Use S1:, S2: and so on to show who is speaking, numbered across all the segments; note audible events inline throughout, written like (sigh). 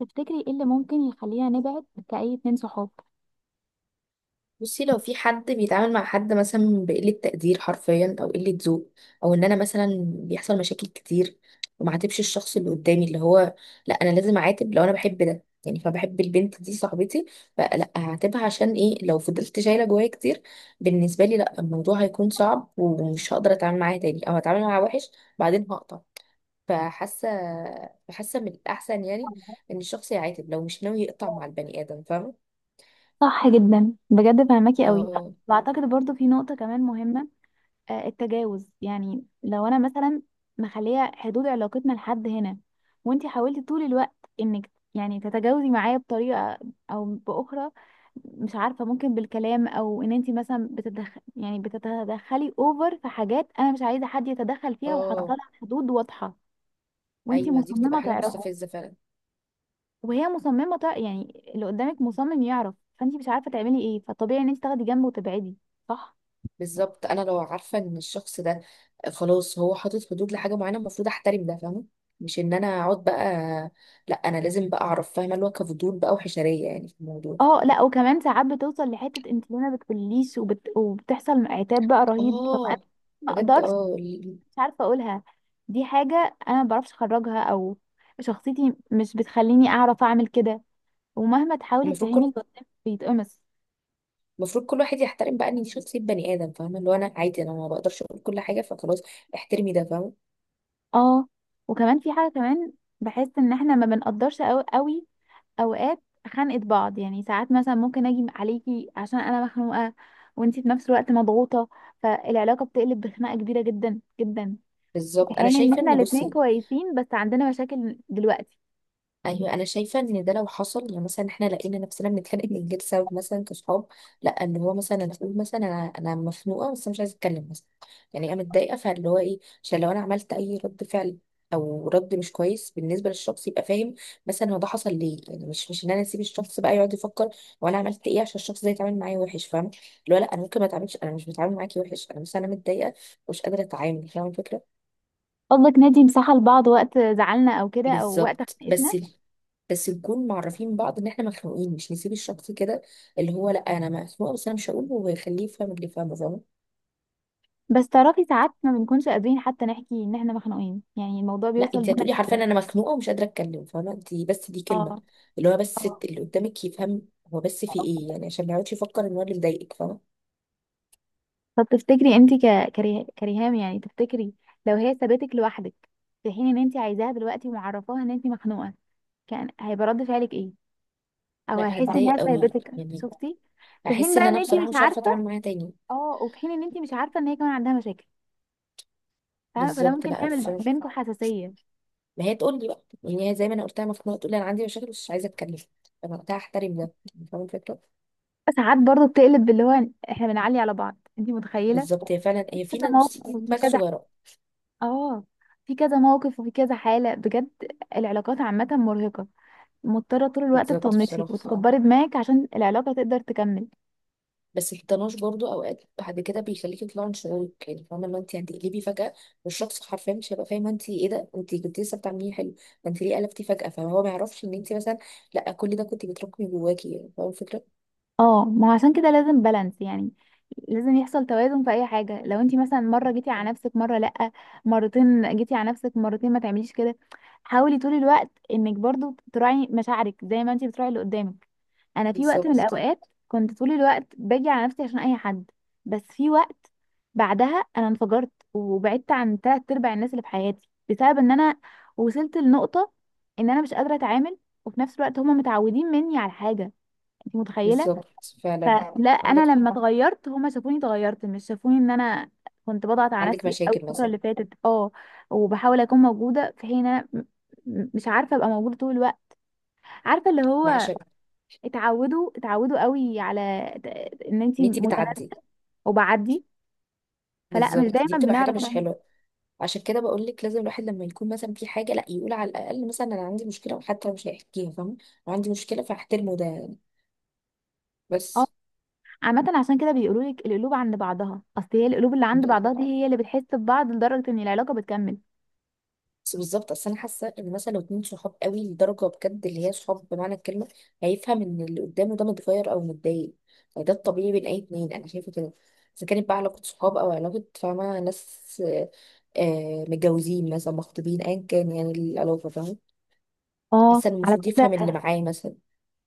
S1: تفتكري ايه اللي ممكن يخلينا نبعد كأي اتنين صحاب؟
S2: بصي، لو في حد بيتعامل مع حد مثلا بقلة تقدير حرفيا، او قلة ذوق، او ان انا مثلا بيحصل مشاكل كتير وما عاتبش الشخص اللي قدامي، اللي هو لا انا لازم اعاتب. لو انا بحب ده يعني، فبحب البنت دي صاحبتي، فلا هعاتبها عشان ايه؟ لو فضلت شايله جوايا كتير بالنسبه لي، لا الموضوع هيكون صعب ومش هقدر اتعامل معاها تاني، او هتعامل معاها وحش بعدين هقطع. فحاسه فحاسه من الاحسن يعني ان الشخص يعاتب لو مش ناوي يقطع مع البني ادم، فاهمه.
S1: صح جدا، بجد فهماكي قوي.
S2: اه،
S1: واعتقد برضو في نقطة كمان مهمة. التجاوز، يعني لو انا مثلا مخلية حدود علاقتنا لحد هنا، وانتي حاولتي طول الوقت انك يعني تتجاوزي معايا بطريقة او باخرى. مش عارفة، ممكن بالكلام او ان انتي مثلا بتتدخل، يعني بتتدخلي اوفر في حاجات انا مش عايزة حد يتدخل فيها وحاطة
S2: اه.
S1: لها حدود واضحة، وانتي
S2: ايوه، دي بتبقى
S1: مصممة
S2: حاجه
S1: تعرفي.
S2: مستفزه فعلا.
S1: يعني اللي قدامك مصمم يعرف، فانت مش عارفه تعملي ايه، فطبيعي ان انت تاخدي جنب وتبعدي. صح.
S2: بالظبط، انا لو عارفه ان الشخص ده خلاص هو حاطط حدود لحاجه معينه، المفروض احترم ده، فاهمه. مش ان انا اقعد بقى، لا انا لازم بقى اعرف، فاهمه اللي هو كفضول بقى وحشريه يعني في الموضوع.
S1: اه، لا، وكمان ساعات بتوصل لحته انت ليه ما بتقوليش، وبتحصل عتاب بقى رهيب. طب انا
S2: اه،
S1: ما
S2: بجد.
S1: اقدرش، مش عارفه اقولها. دي حاجه انا ما بعرفش اخرجها، او شخصيتي مش بتخليني اعرف اعمل كده. ومهما تحاولي
S2: المفروض
S1: تفهمي اللي
S2: كل
S1: قدامك بيتقمص.
S2: المفروض كل واحد يحترم بقى ان شخصيه بني ادم، فاهمه، اللي هو انا عادي، انا ما بقدرش اقول كل حاجه فخلاص، احترمي ده، فاهمه.
S1: اه. وكمان في حاجه كمان، بحس ان احنا ما بنقدرش قوي اوقات خنقة بعض. يعني ساعات مثلا ممكن اجي عليكي عشان انا مخنوقة، وانتي في نفس الوقت مضغوطة، فالعلاقة بتقلب بخناقة كبيرة جدا جدا، في
S2: بالظبط، انا
S1: حين ان
S2: شايفه
S1: احنا
S2: ان
S1: الاتنين
S2: بصي،
S1: كويسين بس عندنا مشاكل دلوقتي.
S2: ايوه انا شايفه ان ده لو حصل يعني مثلا احنا لقينا نفسنا بنتخانق من غير سبب، مثلا كصحاب، لا اللي هو مثلا انا اقول مثلا انا مخنوقه بس مش عايزه اتكلم مثلا، يعني انا متضايقه، فاللي هو ايه؟ عشان لو انا عملت اي رد فعل او رد مش كويس بالنسبه للشخص يبقى فاهم مثلا هو ده حصل ليه، يعني مش ان انا اسيب الشخص بقى يقعد يفكر وانا عملت ايه عشان الشخص ده يتعامل معايا وحش، فاهم، اللي هو لا انا ممكن ما اتعاملش، انا مش بتعامل معاكي وحش، انا بس انا متضايقه ومش قادره اتعامل، فاهم الفكره.
S1: قصدك ندي مساحة لبعض وقت زعلنا او كده، او وقت
S2: بالظبط.
S1: خناقتنا.
S2: بس نكون معرفين بعض ان احنا مخنوقين، مش نسيب الشخص كده، اللي هو لا انا مخنوقه بس انا مش هقول ويخليه يفهم، اللي فاهمه فاهمه.
S1: بس تعرفي ساعات ما بنكونش قادرين حتى نحكي ان احنا مخنوقين، يعني الموضوع
S2: لا،
S1: بيوصل
S2: انت
S1: بينا
S2: هتقولي
S1: كده.
S2: حرفيا انا مخنوقه ومش قادره اتكلم، فاهمه انت، بس دي كلمه اللي هو بس اللي قدامك يفهم هو بس في
S1: اه.
S2: ايه يعني، عشان ما يقعدش يفكر ان هو اللي مضايقك، فاهمه.
S1: طب تفتكري انت كريهام، يعني تفتكري لو هي سابتك لوحدك في حين ان انت عايزاها دلوقتي ومعرفاها ان انت مخنوقه، كان هيبقى رد فعلك ايه؟ او
S2: لا،
S1: هتحسي صح
S2: هتضايق
S1: انها
S2: قوي
S1: سابتك؟
S2: يعني،
S1: شفتي؟ في حين
S2: احس ان
S1: بقى ان
S2: انا
S1: انت مش
S2: بصراحه
S1: (laughs)
S2: مش عارفه
S1: عارفه.
S2: اتعامل معاها تاني.
S1: اه، وفي حين ان انت مش عارفه ان هي كمان عندها مشاكل، فاهمه؟ فده
S2: بالظبط،
S1: ممكن
S2: لا ف...
S1: يعمل بينكم حساسيه.
S2: ما هي تقول لي بقى يعني، هي زي ما انا قلتها مخنوقه تقول لي انا عندي مشاكل بس مش عايزه اتكلم، فانا وقتها احترم ده، فاهمه الفكره.
S1: ساعات برضو بتقلب باللي هو احنا بنعلي على بعض، انت متخيله؟
S2: بالظبط، هي فعلا هي
S1: كذا
S2: فينا، بصي
S1: موقف
S2: دي
S1: وفي
S2: دماغ
S1: كذا.
S2: صغيره.
S1: اه. في كذا موقف وفي كذا حاله، بجد. العلاقات عامه مرهقه، مضطرة طول الوقت
S2: بالظبط
S1: تطنشي
S2: بصراحة،
S1: وتكبري دماغك عشان العلاقة تقدر تكمل.
S2: بس الطناش برضو اوقات بعد كده بيخليكي تطلعي من شعورك، يعني فاهمة، اللي هو انت هتقلبي فجأة والشخص حرفيا مش هيبقى فاهم انت ايه، ده انت كنت لسه بتعمليه حلو، ده انت ليه قلبتي فجأة؟ فهو ما يعرفش ان انت مثلا، لا كل ده كنت بتراكمي جواكي، يعني فاهمة الفكرة.
S1: اه، ما هو عشان كده لازم بالانس، يعني لازم يحصل توازن في اي حاجة. لو انتي مثلا مرة جيتي على نفسك مرة لأ، مرتين جيتي على نفسك مرتين ما تعمليش كده. حاولي طول الوقت انك برضو تراعي مشاعرك زي ما انتي بتراعي اللي قدامك. انا في وقت من
S2: بالظبط.
S1: الاوقات كنت طول الوقت باجي على نفسي عشان اي حد، بس في وقت بعدها انا انفجرت وبعدت عن تلات ارباع الناس اللي في حياتي، بسبب ان انا وصلت لنقطة ان انا مش قادرة اتعامل، وفي نفس الوقت هما متعودين مني على حاجة. انت متخيلة؟
S2: بالظبط فعلا.
S1: فلا
S2: عندك
S1: انا
S2: حق.
S1: لما اتغيرت هما شافوني اتغيرت، مش شافوني ان انا كنت بضغط على
S2: عندك
S1: نفسي أوي
S2: مشاكل
S1: الفترة
S2: مثلا.
S1: اللي فاتت. اه. وبحاول اكون موجودة في حين انا مش عارفة ابقى موجودة طول الوقت. عارفة اللي
S2: مع
S1: هو،
S2: شك
S1: اتعودوا اتعودوا قوي على ان انت
S2: ان انت بتعدي.
S1: متناسقه، وبعدي. فلا مش
S2: بالظبط، دي
S1: دايما
S2: بتبقى حاجة
S1: بنعرف
S2: مش
S1: نعمل.
S2: حلوة. عشان كده بقول لك لازم الواحد لما يكون مثلا في حاجة لا يقول على الأقل مثلا أنا عندي مشكلة، وحتى لو مش هيحكيها، فاهمة، أنا عندي مشكلة فاحترمه ده يعني.
S1: اه.
S2: بس
S1: عامه عشان كده بيقولوا لك القلوب عند بعضها، اصل هي القلوب اللي
S2: ب-
S1: عند بعضها دي هي اللي بتحس ببعض لدرجه ان العلاقه بتكمل.
S2: بس بالظبط، اصل انا حاسه ان مثلا لو اتنين صحاب قوي لدرجه بجد اللي هي صحاب بمعنى الكلمه هيفهم ان اللي قدامه ده متغير او متضايق، يعني ده الطبيعي بين اي اتنين، انا شايفه كده. اذا كانت بقى علاقه صحاب او علاقه، فاهمه، ناس متجوزين مثلا مخطوبين ايا كان يعني، العلاقه فاهمه.
S1: اه،
S2: حاسه إن
S1: على
S2: المفروض يفهم اللي
S1: فكره
S2: معاه مثلا.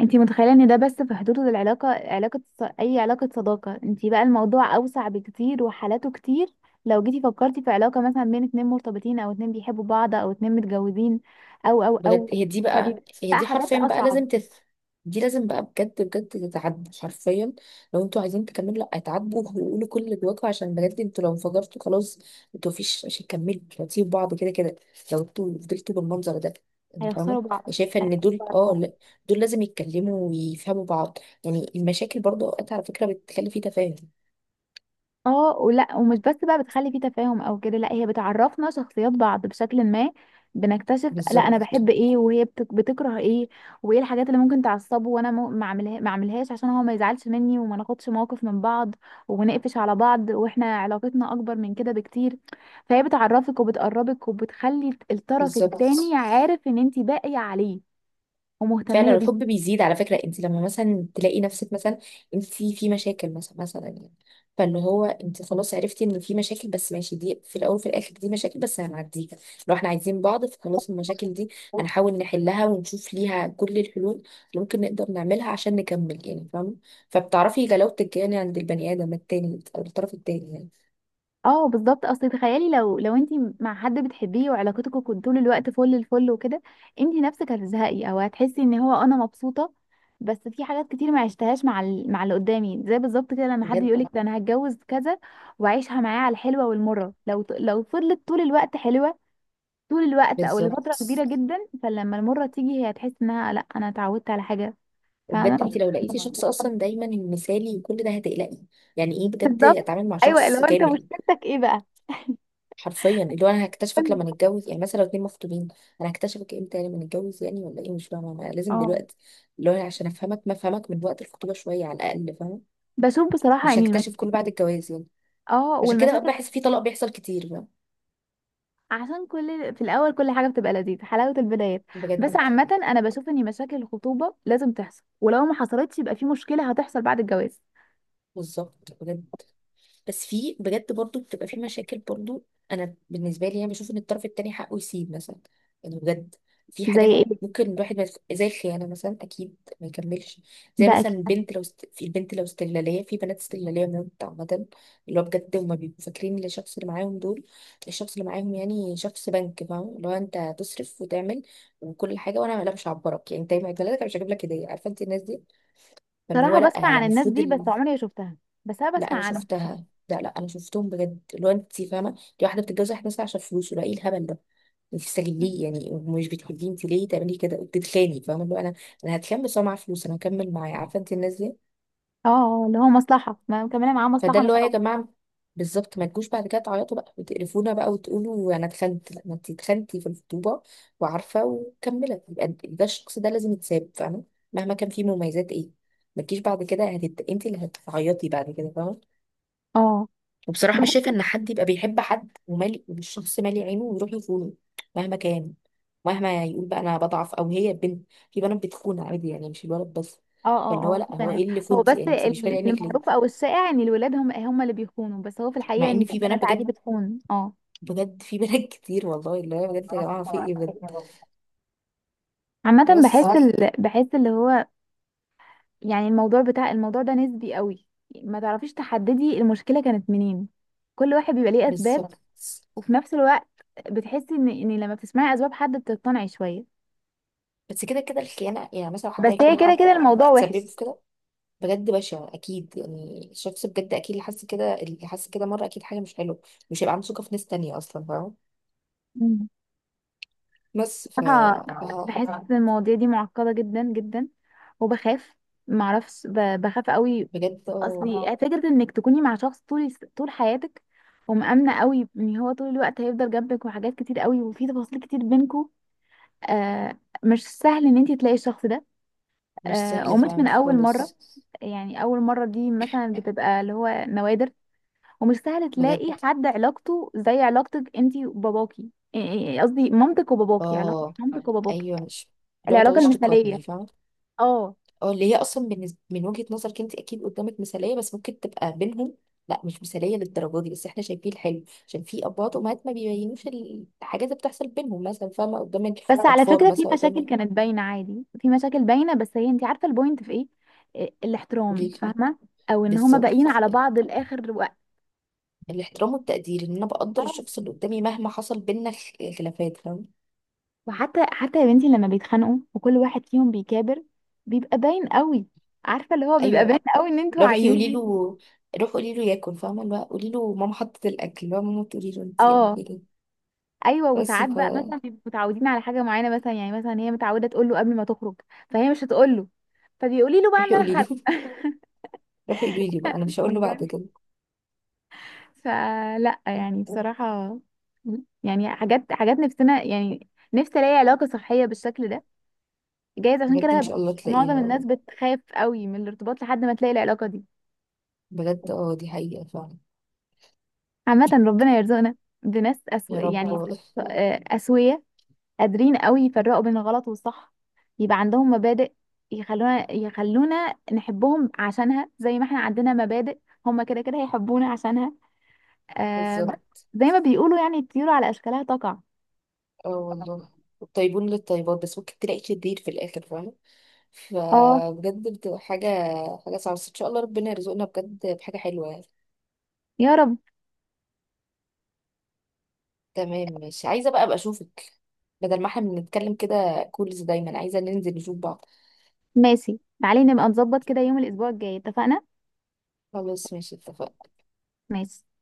S1: انت متخيله ان ده بس في حدود العلاقه، اي علاقه صداقه؟ انت بقى الموضوع اوسع بكتير وحالاته كتير. لو جيتي فكرتي في علاقه مثلا بين اتنين مرتبطين، او اتنين بيحبوا بعض، او اتنين متجوزين، او او
S2: بجد
S1: او
S2: هي دي بقى
S1: فبيبقى
S2: هي دي
S1: حاجات
S2: حرفيا بقى
S1: اصعب.
S2: لازم تف. دي لازم بقى بجد بجد تتعدى حرفيا. لو انتوا عايزين تكملوا لا اتعدوا وقولوا كل اللي جواكوا، عشان بجد انتوا لو انفجرتوا خلاص، انتوا مفيش مش هتكملوا، انتوا هتسيبوا بعض كده كده لو انتوا فضلتوا بالمنظر ده، يعني فاهمة.
S1: هيخسروا
S2: أنا
S1: بعض.
S2: شايفة ان
S1: هيخسروا
S2: دول
S1: بعض،
S2: اه
S1: اه.
S2: لا، دول لازم يتكلموا ويفهموا بعض. يعني المشاكل برضه اوقات على فكرة بتخلي في تفاهم.
S1: اه، ولا ومش بس بقى بتخلي فيه تفاهم او كده، لا هي بتعرفنا شخصيات بعض بشكل ما. بنكتشف لا
S2: بالظبط.
S1: انا بحب ايه، بتكره ايه، وايه الحاجات اللي ممكن تعصبه، وانا ما اعملهاش عشان هو ما يزعلش مني، وما ناخدش موقف من بعض ونقفش على بعض، واحنا علاقتنا اكبر من كده بكتير. فهي بتعرفك وبتقربك وبتخلي الطرف التاني
S2: بالظبط
S1: عارف ان انت باقية عليه ومهتمية
S2: فعلا. الحب
S1: بيه.
S2: بيزيد على فكرة، انت لما مثلا تلاقي نفسك مثلا انت في مشاكل مثلا يعني، فاللي هو انت خلاص عرفتي ان في مشاكل، بس ماشي دي في الاول وفي الاخر دي مشاكل بس هنعديها. لو احنا عايزين بعض فخلاص المشاكل دي هنحاول نحلها ونشوف ليها كل الحلول اللي ممكن نقدر نعملها عشان نكمل، يعني فاهمة. فبتعرفي جلاوة الجاني عند البني ادم التاني او الطرف التاني يعني.
S1: اه، بالظبط. اصل تخيلي لو انت مع حد بتحبيه وعلاقتكم كنت طول الوقت فل الفل وكده، انت نفسك هتزهقي او هتحسي ان هو انا مبسوطه، بس في حاجات كتير ما عشتهاش مع مع اللي قدامي. زي بالظبط كده، لما حد
S2: بجد.
S1: يقولك ده انا هتجوز كذا، وعيشها معاه على الحلوه والمره. لو فضلت طول الوقت حلوه طول الوقت، او لفتره
S2: بالظبط،
S1: كبيره جدا، فلما المره تيجي هي هتحس انها لا انا اتعودت على حاجه.
S2: وبجد انت
S1: فاهمه؟
S2: لو لقيتي شخص اصلا دايما مثالي وكل ده هتقلقي. يعني ايه بجد
S1: بالظبط.
S2: اتعامل مع
S1: ايوه،
S2: شخص
S1: لو انت
S2: كامل؟
S1: مشكلتك ايه بقى.
S2: حرفيا اللي هو انا هكتشفك لما نتجوز، يعني مثلا لو اتنين مخطوبين، انا هكتشفك امتى؟ يعني لما نتجوز يعني؟ ولا ايه؟ مش فاهمه انا لازم
S1: اه،
S2: دلوقتي اللي هو أنا عشان افهمك ما افهمك من وقت الخطوبه شويه على الاقل، فاهم.
S1: بشوف بصراحه،
S2: مش
S1: يعني
S2: هكتشف
S1: المشاكل.
S2: كل بعد الجواز يعني.
S1: اه،
S2: عشان كده
S1: والمشاكل.
S2: بحس في طلاق بيحصل كتير بقى.
S1: عشان كل في الاول كل حاجه بتبقى لذيذه، حلاوه البدايات. بس
S2: بجد.
S1: عامه انا بشوف ان مشاكل الخطوبه لازم تحصل، ولو ما حصلتش يبقى في مشكله هتحصل بعد الجواز.
S2: بالظبط بجد، بس في بجد برضو بتبقى في مشاكل برضو. انا بالنسبه لي انا بشوف ان الطرف التاني حقه يسيب مثلا، يعني بجد في
S1: زي
S2: حاجات
S1: ايه؟
S2: ممكن الواحد ما يف- زي الخيانه مثلا اكيد ما يكملش. زي
S1: ده
S2: مثلا
S1: اكيد.
S2: البنت لو في البنت لو استغلاليه، في بنات استغلاليه موت عامه. اللي هو بجد هما بيبقوا فاكرين إن الشخص اللي معاهم دول، الشخص اللي معاهم يعني شخص بنك، فاهم، اللي هو انت هتصرف وتعمل وكل حاجه وانا لا مش هعبرك، يعني انت يوم عيد ميلادك أنا مش هجيب لك هديه، عارفه انت الناس دي. فاللي هو
S1: صراحه
S2: لا
S1: بسمع
S2: هي
S1: عن الناس
S2: المفروض،
S1: دي بس عمري ما شفتها، بس انا
S2: لا
S1: بسمع
S2: انا
S1: عنهم.
S2: شفتها، لا لا انا شفتهم بجد اللي هو انت فاهمه. دي واحده بتتجوز واحد مثلا عشان فلوسه، لا ايه الهبل ده، انت بتستغليه ليه؟ يعني مش بتحبيه انت، ليه تعملي كده؟ بتتخاني، فاهمه، اللي هو انا هتخان بس هو معاه فلوس انا هكمل معاه، عارفه انت الناس دي.
S1: اه. اللي هو مصلحه، ما مكمله معاه
S2: فده
S1: مصلحه
S2: اللي
S1: مش
S2: هو يا
S1: حب.
S2: جماعه بالظبط، ما تجوش بعد كده تعيطوا بقى وتقرفونا بقى وتقولوا انا اتخنت، لا ما انت اتخنتي في الخطوبه وعارفه وكملت، يبقى ده الشخص ده لازم يتساب، فاهمه. مهما كان فيه مميزات ايه، ما تجيش بعد كده انت اللي هتعيطي بعد كده، فاهمه.
S1: اه،
S2: وبصراحة مش شايفة
S1: بحس.
S2: إن حد يبقى بيحب حد ومالي والشخص مالي عينه ويروح يخونه مهما كان. مهما يقول بقى أنا بضعف، أو هي البنت، في بنات بتخون عادي، يعني مش الولد بس.
S1: اه،
S2: فاللي
S1: اه،
S2: هو
S1: اه، في
S2: لأ، هو
S1: بنات.
S2: إيه اللي
S1: هو
S2: خنتي
S1: بس
S2: يعني؟ أنت مش فارق عينك ليه؟
S1: المعروف او الشائع ان الولاد هم اللي بيخونوا، بس هو في الحقيقه
S2: مع
S1: ان
S2: إن
S1: في
S2: في
S1: بنات
S2: بنات
S1: عادي
S2: بجد،
S1: بتخون. اه.
S2: بجد في بنات (laughs) كتير والله، اللي هو بجد يا جماعة في إيه بجد.
S1: عامه بحس
S2: بس،
S1: بحس اللي هو، يعني الموضوع بتاع الموضوع ده نسبي قوي. ما تعرفيش تحددي المشكلة كانت منين. كل واحد بيبقى ليه أسباب،
S2: بالظبط.
S1: وفي نفس الوقت بتحسي إن لما بتسمعي أسباب حد بتقتنعي شوية.
S2: بس كده كده الخيانة، يعني مثلا حد
S1: بس هي
S2: هيكون
S1: كده
S2: حد
S1: كده
S2: أو
S1: الموضوع
S2: تسبب
S1: وحش.
S2: في كده بجد بشع أكيد، يعني الشخص بجد أكيد اللي حس كده، اللي حس كده مرة أكيد حاجة مش حلوة، مش هيبقى عنده ثقة في ناس تانية أصلا، فاهمة.
S1: مم.
S2: بس
S1: بصراحة
S2: ف-
S1: بحس إن المواضيع دي معقدة جدا جدا، وبخاف. معرفش، بخاف قوي.
S2: بجد، اه،
S1: أصلي فكرة إنك تكوني مع شخص طول حياتك، ومأمنة قوي إن هو طول الوقت هيفضل جنبك، وحاجات كتير قوي وفي تفاصيل كتير بينكو. آه، مش سهل إن أنت تلاقي الشخص ده.
S2: مش سهل
S1: قمت من
S2: فعلا
S1: اول مره.
S2: خالص.
S1: يعني اول مره دي مثلا بتبقى اللي هو نوادر، ومش سهل
S2: بجد
S1: تلاقي حد علاقته زي علاقتك انتي وباباكي. إيه- إيه، إيه، قصدي مامتك وباباكي، علاقه
S2: اه،
S1: مامتك وباباكي،
S2: ايوه، مش اللي هو
S1: العلاقه
S2: تقعديش تقارني،
S1: المثاليه.
S2: فاهمة.
S1: اه،
S2: اه اللي هي اصلا بالنسبة من وجهة نظرك انت اكيد قدامك مثالية، بس ممكن تبقى بينهم لا مش مثالية للدرجة دي، بس احنا شايفين الحلو عشان في ابوات وامهات ما بيبينوش الحاجات اللي بتحصل بينهم، مثلا فاهمة قدام
S1: بس على
S2: الاطفال
S1: فكره في
S2: مثلا
S1: مشاكل
S2: قدام.
S1: كانت باينه، عادي في مشاكل باينه، بس هي انتي عارفه البوينت في ايه؟
S2: قولي
S1: الاحترام،
S2: لي.
S1: فاهمه؟ او ان هما باقيين
S2: بالظبط،
S1: على بعض لاخر وقت.
S2: الاحترام والتقدير ان انا بقدر الشخص اللي قدامي مهما حصل بينا خلافات، فاهمة.
S1: وحتى يا بنتي لما بيتخانقوا وكل واحد فيهم بيكابر بيبقى باين قوي، عارفه اللي هو؟ بيبقى
S2: ايوه،
S1: باين قوي ان انتوا
S2: لو روحي
S1: عايزين
S2: قولي له
S1: ايه.
S2: روح قولي له ياكل، فاهمه، اللي هو قولي له ماما حطت الاكل، اللي هو ماما تقولي له انت يعني
S1: اه.
S2: في ايه.
S1: ايوه.
S2: بس
S1: وساعات بقى مثلا بيبقوا متعودين على حاجه معينه، مثلا يعني مثلا هي متعوده تقول له قبل ما تخرج، فهي مش هتقول له، فبيقولي له بقى ان
S2: روحي
S1: انا
S2: قولي له
S1: خارجه.
S2: (laughs) روحي قولي لي بقى، انا مش هقول له بعد كده.
S1: فلا يعني بصراحه، يعني حاجات نفسنا، يعني نفسي الاقي علاقه صحيه بالشكل ده. جايز عشان
S2: بجد ان
S1: كده
S2: شاء الله تلاقيها
S1: معظم الناس
S2: والله.
S1: بتخاف قوي من الارتباط لحد ما تلاقي العلاقه دي.
S2: بجد اه، دي حقيقه فعلا.
S1: عامة ربنا يرزقنا بناس
S2: يا
S1: يعني،
S2: رب والله.
S1: أسوية، قادرين قوي يفرقوا بين الغلط والصح، يبقى عندهم مبادئ، يخلونا نحبهم عشانها، زي ما احنا عندنا مبادئ هما كده كده هيحبونا عشانها. آه... ب-
S2: بالظبط.
S1: زي ما بيقولوا يعني الطيور على أشكالها تقع.
S2: اه والله، الطيبون للطيبات بس ممكن تلاقي شرير في الاخر، فاهمه.
S1: اه،
S2: فبجد بتبقى حاجه، حاجه صعبه، بس ان شاء الله ربنا يرزقنا بجد بحاجه حلوه يعني.
S1: يا رب.
S2: تمام، مش عايزه بقى ابقى اشوفك، بدل ما احنا بنتكلم كده كولز، دايما عايزه ننزل نشوف بعض.
S1: ماشي، تعالي نبقى نظبط كده يوم الأسبوع الجاي، اتفقنا؟
S2: خلاص ماشي، اتفقنا.
S1: ماشي.